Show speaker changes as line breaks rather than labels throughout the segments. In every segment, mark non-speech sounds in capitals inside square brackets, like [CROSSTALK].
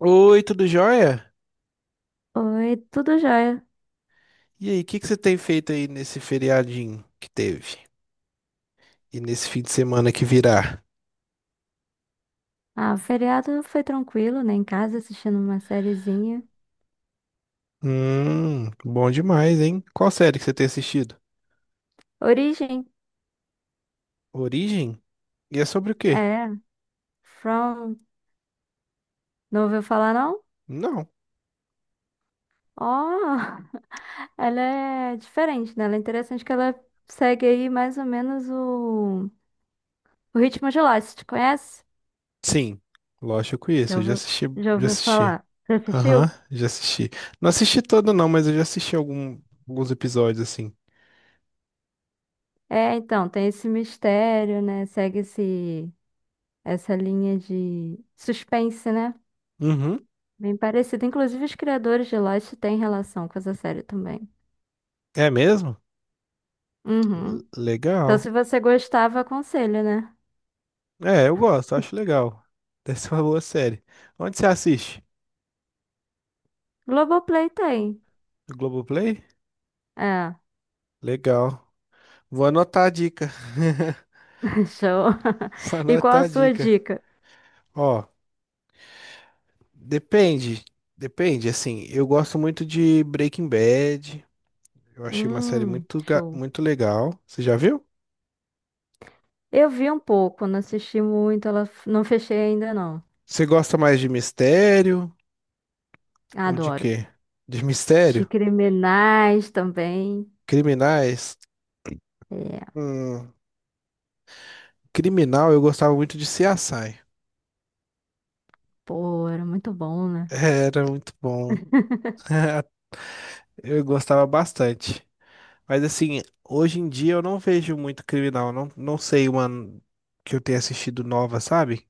Oi, tudo jóia?
Oi, tudo jóia?
E aí, o que que você tem feito aí nesse feriadinho que teve? E nesse fim de semana que virá?
Ah, o feriado foi tranquilo, né? Em casa assistindo uma sériezinha.
Bom demais, hein? Qual série que você tem assistido?
Origem,
Origem? E é sobre o quê?
é, From, não ouviu falar não?
Não.
Ó, [LAUGHS] ela é diferente, né? Ela é interessante que ela segue aí mais ou menos o ritmo de Lost, Você conhece?
Sim, lógico que eu conheço,
Já
eu já
ouviu,
assisti,
já
já
ouviu
assisti.
falar? Já assistiu?
Aham, já assisti. Não assisti todo não, mas eu já assisti alguns episódios assim.
É, então, tem esse mistério, né? Segue essa linha de suspense, né?
Uhum,
Bem parecido. Inclusive, os criadores de Lost têm relação com essa série também.
é mesmo?
Uhum. Então, se
Legal.
você gostava, aconselho, né?
É, eu gosto, acho legal. Deve ser uma boa série. Onde você assiste?
Globoplay tem.
No Globoplay?
É,
Legal. Vou anotar a dica.
[LAUGHS] show.
[LAUGHS] Vou
[LAUGHS] E qual
anotar
a
a
sua
dica.
dica?
Ó, depende. Depende, assim, eu gosto muito de Breaking Bad. Eu achei uma série
Hum, show.
muito legal. Você já viu?
Eu vi um pouco, não assisti muito, ela não fechei ainda não.
Você gosta mais de mistério ou de
Adoro.
quê? De
De
mistério?
criminais também.
Criminais?
É,
Hum, Criminal, eu gostava muito de CSI.
pô, era muito bom,
[LAUGHS]
né?
Era muito bom. [LAUGHS] Eu gostava bastante. Mas assim, hoje em dia eu não vejo muito criminal. Não, não sei uma que eu tenha assistido nova, sabe?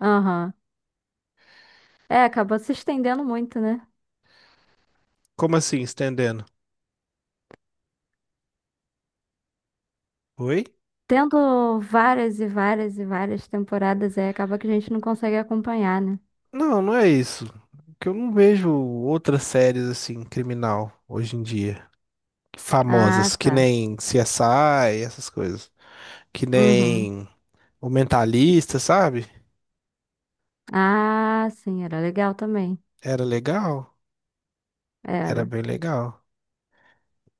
Aham. É, acabou se estendendo muito, né?
Como assim, estendendo? Oi?
Tendo várias e várias e várias temporadas, aí acaba que a gente não consegue acompanhar, né?
Não, não é isso. Que eu não vejo outras séries assim, criminal, hoje em dia.
Ah,
Famosas, que
tá.
nem CSI, essas coisas. Que
Uhum.
nem O Mentalista, sabe?
Ah, sim, era legal também.
Era legal. Era
Era.
bem legal.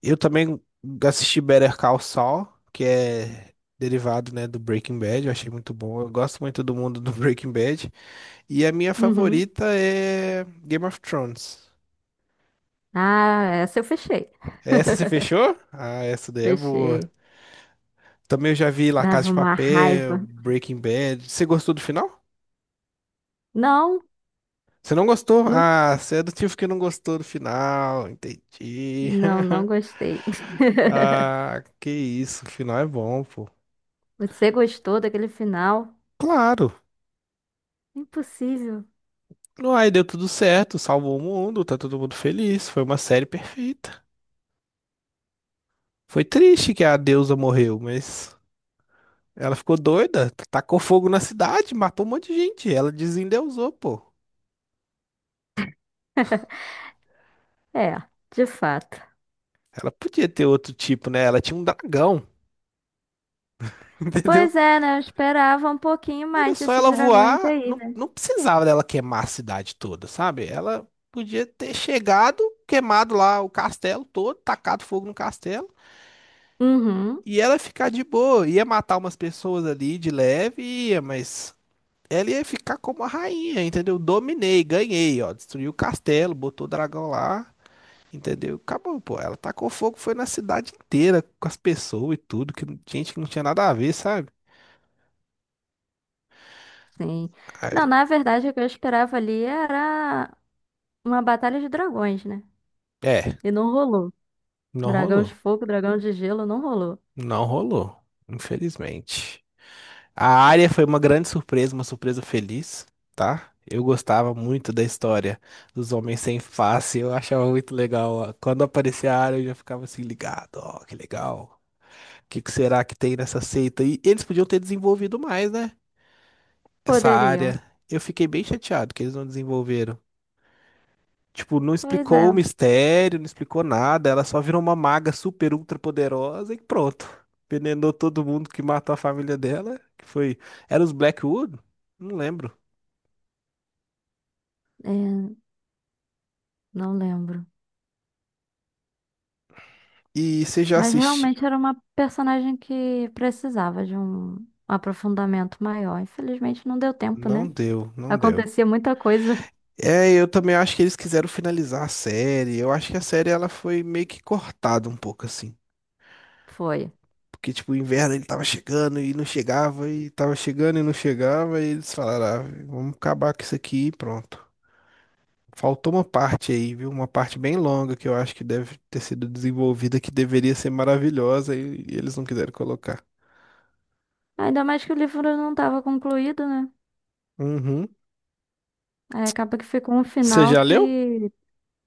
Eu também assisti Better Call Saul, que é derivado, né, do Breaking Bad. Eu achei muito bom. Eu gosto muito do mundo do [LAUGHS] Breaking Bad. E a minha
Uhum.
favorita é Game of Thrones.
Ah, essa eu fechei.
Essa você
[LAUGHS]
fechou? Ah, essa daí é boa.
Fechei.
Também eu já vi La Casa
Dava
de
uma
Papel,
raiva.
Breaking Bad. Você gostou do final?
Não,
Você não gostou?
não,
Ah, você é do tipo que não gostou do final. Entendi.
não,
[LAUGHS]
não gostei. [LAUGHS]
Ah, que isso. O final é bom, pô.
Você gostou daquele final?
Claro.
Impossível.
Aí deu tudo certo, salvou o mundo, tá todo mundo feliz. Foi uma série perfeita. Foi triste que a deusa morreu, mas ela ficou doida, tacou fogo na cidade, matou um monte de gente. Ela desendeusou, pô.
[LAUGHS] É, de fato.
Ela podia ter outro tipo, né? Ela tinha um dragão, [LAUGHS] entendeu?
Pois é, né? Eu esperava um pouquinho
Era
mais
só
desses
ela
dragões
voar,
aí,
não,
né?
não precisava dela queimar a cidade toda, sabe? Ela podia ter chegado, queimado lá o castelo todo, tacado fogo no castelo.
Uhum.
E ela ficar de boa, ia matar umas pessoas ali de leve, ia, mas ela ia ficar como a rainha, entendeu? Dominei, ganhei, ó. Destruiu o castelo, botou o dragão lá, entendeu? Acabou, pô. Ela tacou fogo, foi na cidade inteira, com as pessoas e tudo, que não- gente que não tinha nada a ver, sabe?
Sim. Não,
Aí,
na verdade, o que eu esperava ali era uma batalha de dragões, né?
é,
E não rolou.
não
Dragão de
rolou.
fogo, dragão de gelo, não rolou.
Não rolou, infelizmente. A Arya foi uma grande surpresa, uma surpresa feliz, tá? Eu gostava muito da história dos Homens Sem Face, eu achava muito legal. Ó. Quando aparecia a Arya, eu já ficava assim ligado, ó, que legal. O que que será que tem nessa seita? E eles podiam ter desenvolvido mais, né? Essa
Poderiam.
área. Eu fiquei bem chateado que eles não desenvolveram. Tipo, não
Pois é.
explicou o mistério, não explicou nada. Ela só virou uma maga super ultra poderosa e pronto. Envenenou todo mundo que matou a família dela, que foi... Era os Blackwood? Não lembro.
É, não lembro.
E você já
Mas
assistiu?
realmente era uma personagem que precisava de um aprofundamento maior. Infelizmente não deu tempo,
Não
né?
deu, não deu.
Acontecia muita coisa.
É, eu também acho que eles quiseram finalizar a série. Eu acho que a série ela foi meio que cortada um pouco assim.
[LAUGHS] Foi.
Porque, tipo, o inverno ele tava chegando e não chegava, e tava chegando e não chegava, e eles falaram, ah, vamos acabar com isso aqui e pronto. Faltou uma parte aí, viu? Uma parte bem longa que eu acho que deve ter sido desenvolvida, que deveria ser maravilhosa, e eles não quiseram colocar.
Ainda mais que o livro não estava concluído, né?
Uhum.
Aí acaba que ficou um
Você
final
já leu?
que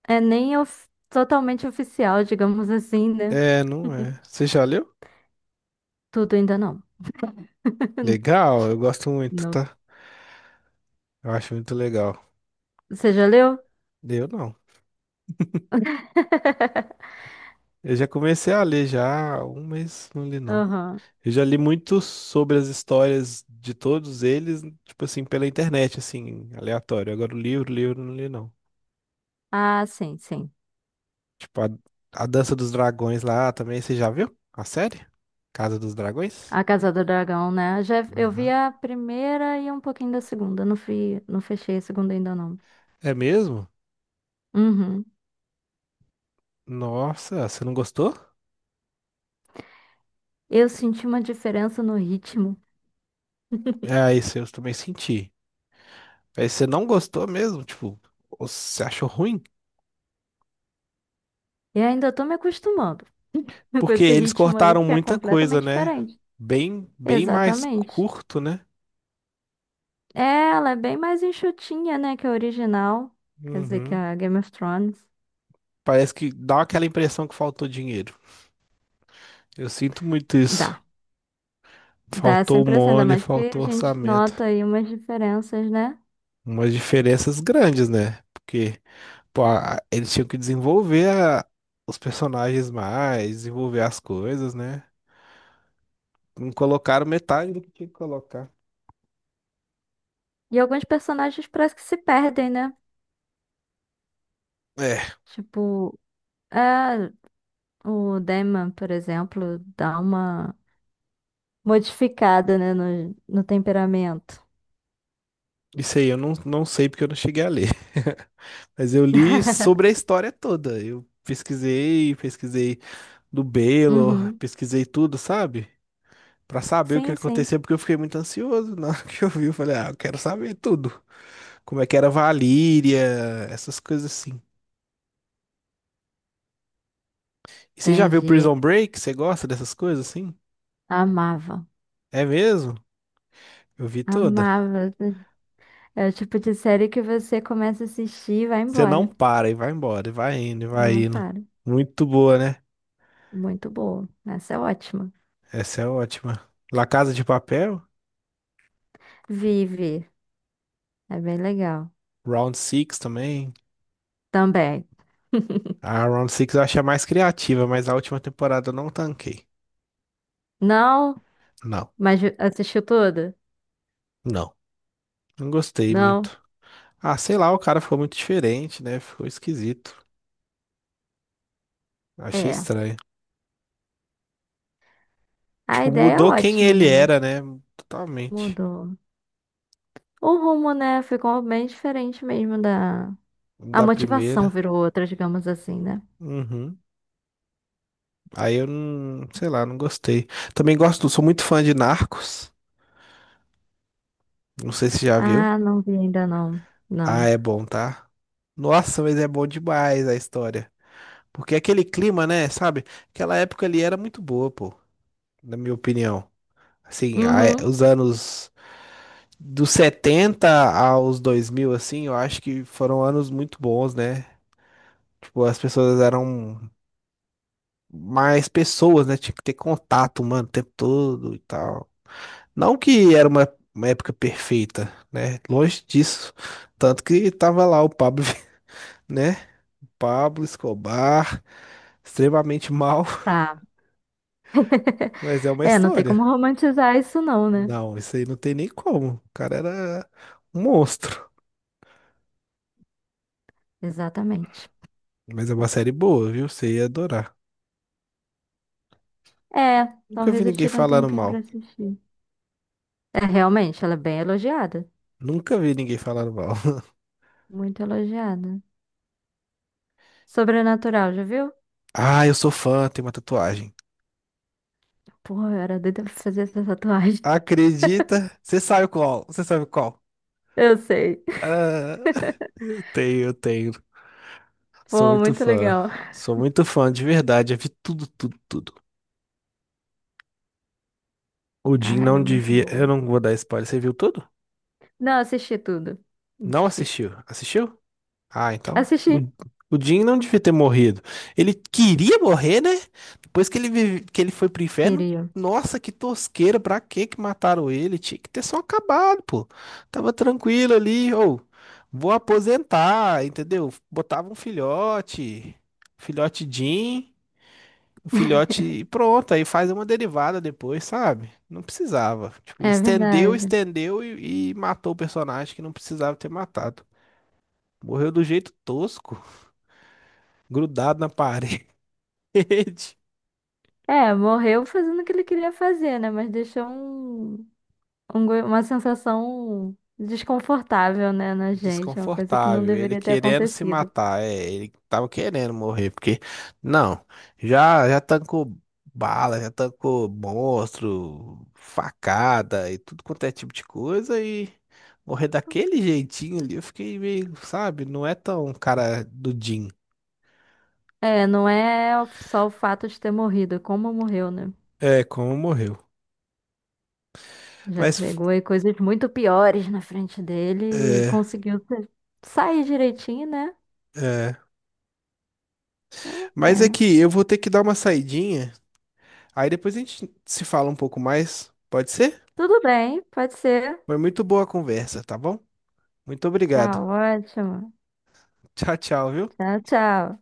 é nem totalmente oficial, digamos assim, né?
É, não é. Você já leu?
Tudo ainda não. [LAUGHS]
Legal, eu gosto muito,
Não.
tá? Eu acho muito legal.
Você já leu?
Eu não.
[LAUGHS]
Eu já comecei a ler já há um mês, não li não.
Aham.
Eu já li muito sobre as histórias de todos eles, tipo assim, pela internet, assim, aleatório. Agora o livro, livro, eu não li não.
Ah, sim, sim.
Tipo, a Dança dos Dragões lá também, você já viu? A série? Casa dos Dragões?
A Casa do Dragão, né? Já, eu vi
Aham.
a primeira e um pouquinho da segunda. Não fui, não fechei a segunda ainda não.
É mesmo?
Uhum.
Nossa, você não gostou?
Eu senti uma diferença no ritmo.
É, isso eu também senti. Aí você não gostou mesmo? Tipo, você achou ruim?
E ainda tô me acostumando [LAUGHS] com
Porque
esse
eles
ritmo aí
cortaram
que é
muita coisa,
completamente
né?
diferente.
Bem, bem mais
Exatamente.
curto, né?
É, ela é bem mais enxutinha, né, que a original. Quer dizer, que
Uhum.
a Game of Thrones.
Parece que dá aquela impressão que faltou dinheiro. Eu sinto muito isso.
Dá. Dá essa
Faltou
impressão, ainda
money,
mais que a
faltou
gente
orçamento.
nota aí umas diferenças, né?
Umas diferenças grandes, né? Porque, pô, eles tinham que desenvolver os personagens mais, desenvolver as coisas, né? Não colocaram metade do que tinha que colocar.
E alguns personagens parece que se perdem, né?
É,
Tipo, é, o Daemon, por exemplo, dá uma modificada, né, no temperamento.
isso aí eu não sei porque eu não cheguei a ler. [LAUGHS] Mas eu li sobre
[LAUGHS]
a história toda. Eu pesquisei, pesquisei do Baylor,
Uhum.
pesquisei tudo, sabe? Pra saber o que
Sim, sim.
aconteceu, porque eu fiquei muito ansioso na hora que eu vi. Eu falei, ah, eu quero saber tudo. Como é que era Valíria, essas coisas assim. E você já viu
Entendi.
Prison Break? Você gosta dessas coisas assim?
Amava.
É mesmo? Eu vi toda.
Amava. É o tipo de série que você começa a assistir e vai
Você não
embora.
para e vai embora, e vai indo, e vai
Não
indo.
para.
Muito boa, né?
Muito boa. Essa é ótima.
Essa é ótima. La Casa de Papel,
Vive. É bem legal.
Round Six também.
Também. [LAUGHS]
A Round Six eu achei a mais criativa, mas a última temporada eu não tanquei.
Não?
Não,
Mas assistiu tudo?
não. Não gostei
Não?
muito. Ah, sei lá, o cara ficou muito diferente, né? Ficou esquisito. Achei
É.
estranho.
A
Tipo,
ideia é
mudou quem
ótima,
ele
né? Mas
era, né? Totalmente.
mudou. O rumo, né? Ficou bem diferente mesmo da. A
Da
motivação
primeira.
virou outra, digamos assim, né?
Uhum. Aí eu não, sei lá, não gostei. Também gosto, sou muito fã de Narcos. Não sei se já viu.
Ah, não vi ainda não.
Ah,
Não.
é bom, tá? Nossa, mas é bom demais a história. Porque aquele clima, né, sabe? Aquela época ali era muito boa, pô, na minha opinião. Assim,
Uhum.
os anos dos 70 aos 2000, assim, eu acho que foram anos muito bons, né? Tipo, as pessoas eram mais pessoas, né? Tinha que ter contato, mano, o tempo todo e tal. Não que era uma época perfeita, né? Longe disso. Tanto que tava lá o Pablo, [LAUGHS] né? Pablo Escobar, extremamente mal,
Tá. [LAUGHS]
[LAUGHS] mas é uma
É, não tem
história.
como romantizar isso, não, né?
Não, isso aí não tem nem como. O cara era um monstro.
Exatamente.
Mas é uma série boa, viu? Você ia adorar.
É,
Nunca vi
talvez eu
ninguém
tire um
falando
tempinho pra
mal.
assistir. É, realmente, ela é bem elogiada.
Nunca vi ninguém falando mal. [LAUGHS]
Muito elogiada. Sobrenatural, já viu?
Ah, eu sou fã, tem uma tatuagem.
Pô, eu era doida pra fazer essa tatuagem.
Acredita? Você sabe qual? Você sabe qual?
Eu sei.
Ah, [LAUGHS] eu tenho, eu tenho. Sou
Pô,
muito
muito
fã.
legal.
Sou muito fã, de verdade. Eu vi tudo, tudo, tudo. O Jim
Ah, era
não
muito
devia. Eu
boa.
não vou dar spoiler. Você viu tudo?
Não, assisti tudo.
Não
Assisti.
assistiu? Assistiu? Ah, então. O,
Assisti.
o Jim não devia ter morrido. Ele queria morrer, né? Depois que ele foi pro inferno.
Queria.
Nossa, que tosqueira. Pra que que mataram ele? Tinha que ter só acabado, pô. Tava tranquilo ali. Ou, vou aposentar, entendeu? Botava um filhote. Filhote Jim. O filhote e pronto, aí faz uma derivada depois, sabe? Não precisava. Tipo,
É
estendeu,
verdade.
estendeu e matou o personagem que não precisava ter matado. Morreu do jeito tosco, [LAUGHS] grudado na parede. [LAUGHS]
É, morreu fazendo o que ele queria fazer, né? Mas deixou uma sensação desconfortável, né, na gente. É uma coisa que não
Desconfortável, ele
deveria ter
querendo se
acontecido.
matar, é, ele tava querendo morrer, porque, não, já tancou bala, já tancou monstro, facada e tudo quanto é tipo de coisa e morrer daquele jeitinho ali, eu fiquei meio, sabe, não é tão cara do Jim.
É, não é só o fato de ter morrido, é como morreu, né?
É, como morreu.
Já
Mas,
pegou aí coisas muito piores na frente dele e
é,
conseguiu sair direitinho, né?
é,
É uma
mas é
pena.
que eu vou ter que dar uma saidinha, aí depois a gente se fala um pouco mais, pode ser?
Tudo bem, pode ser.
Foi muito boa a conversa, tá bom? Muito
Tá
obrigado.
ótimo.
Tchau, tchau, viu?
Tchau, tchau.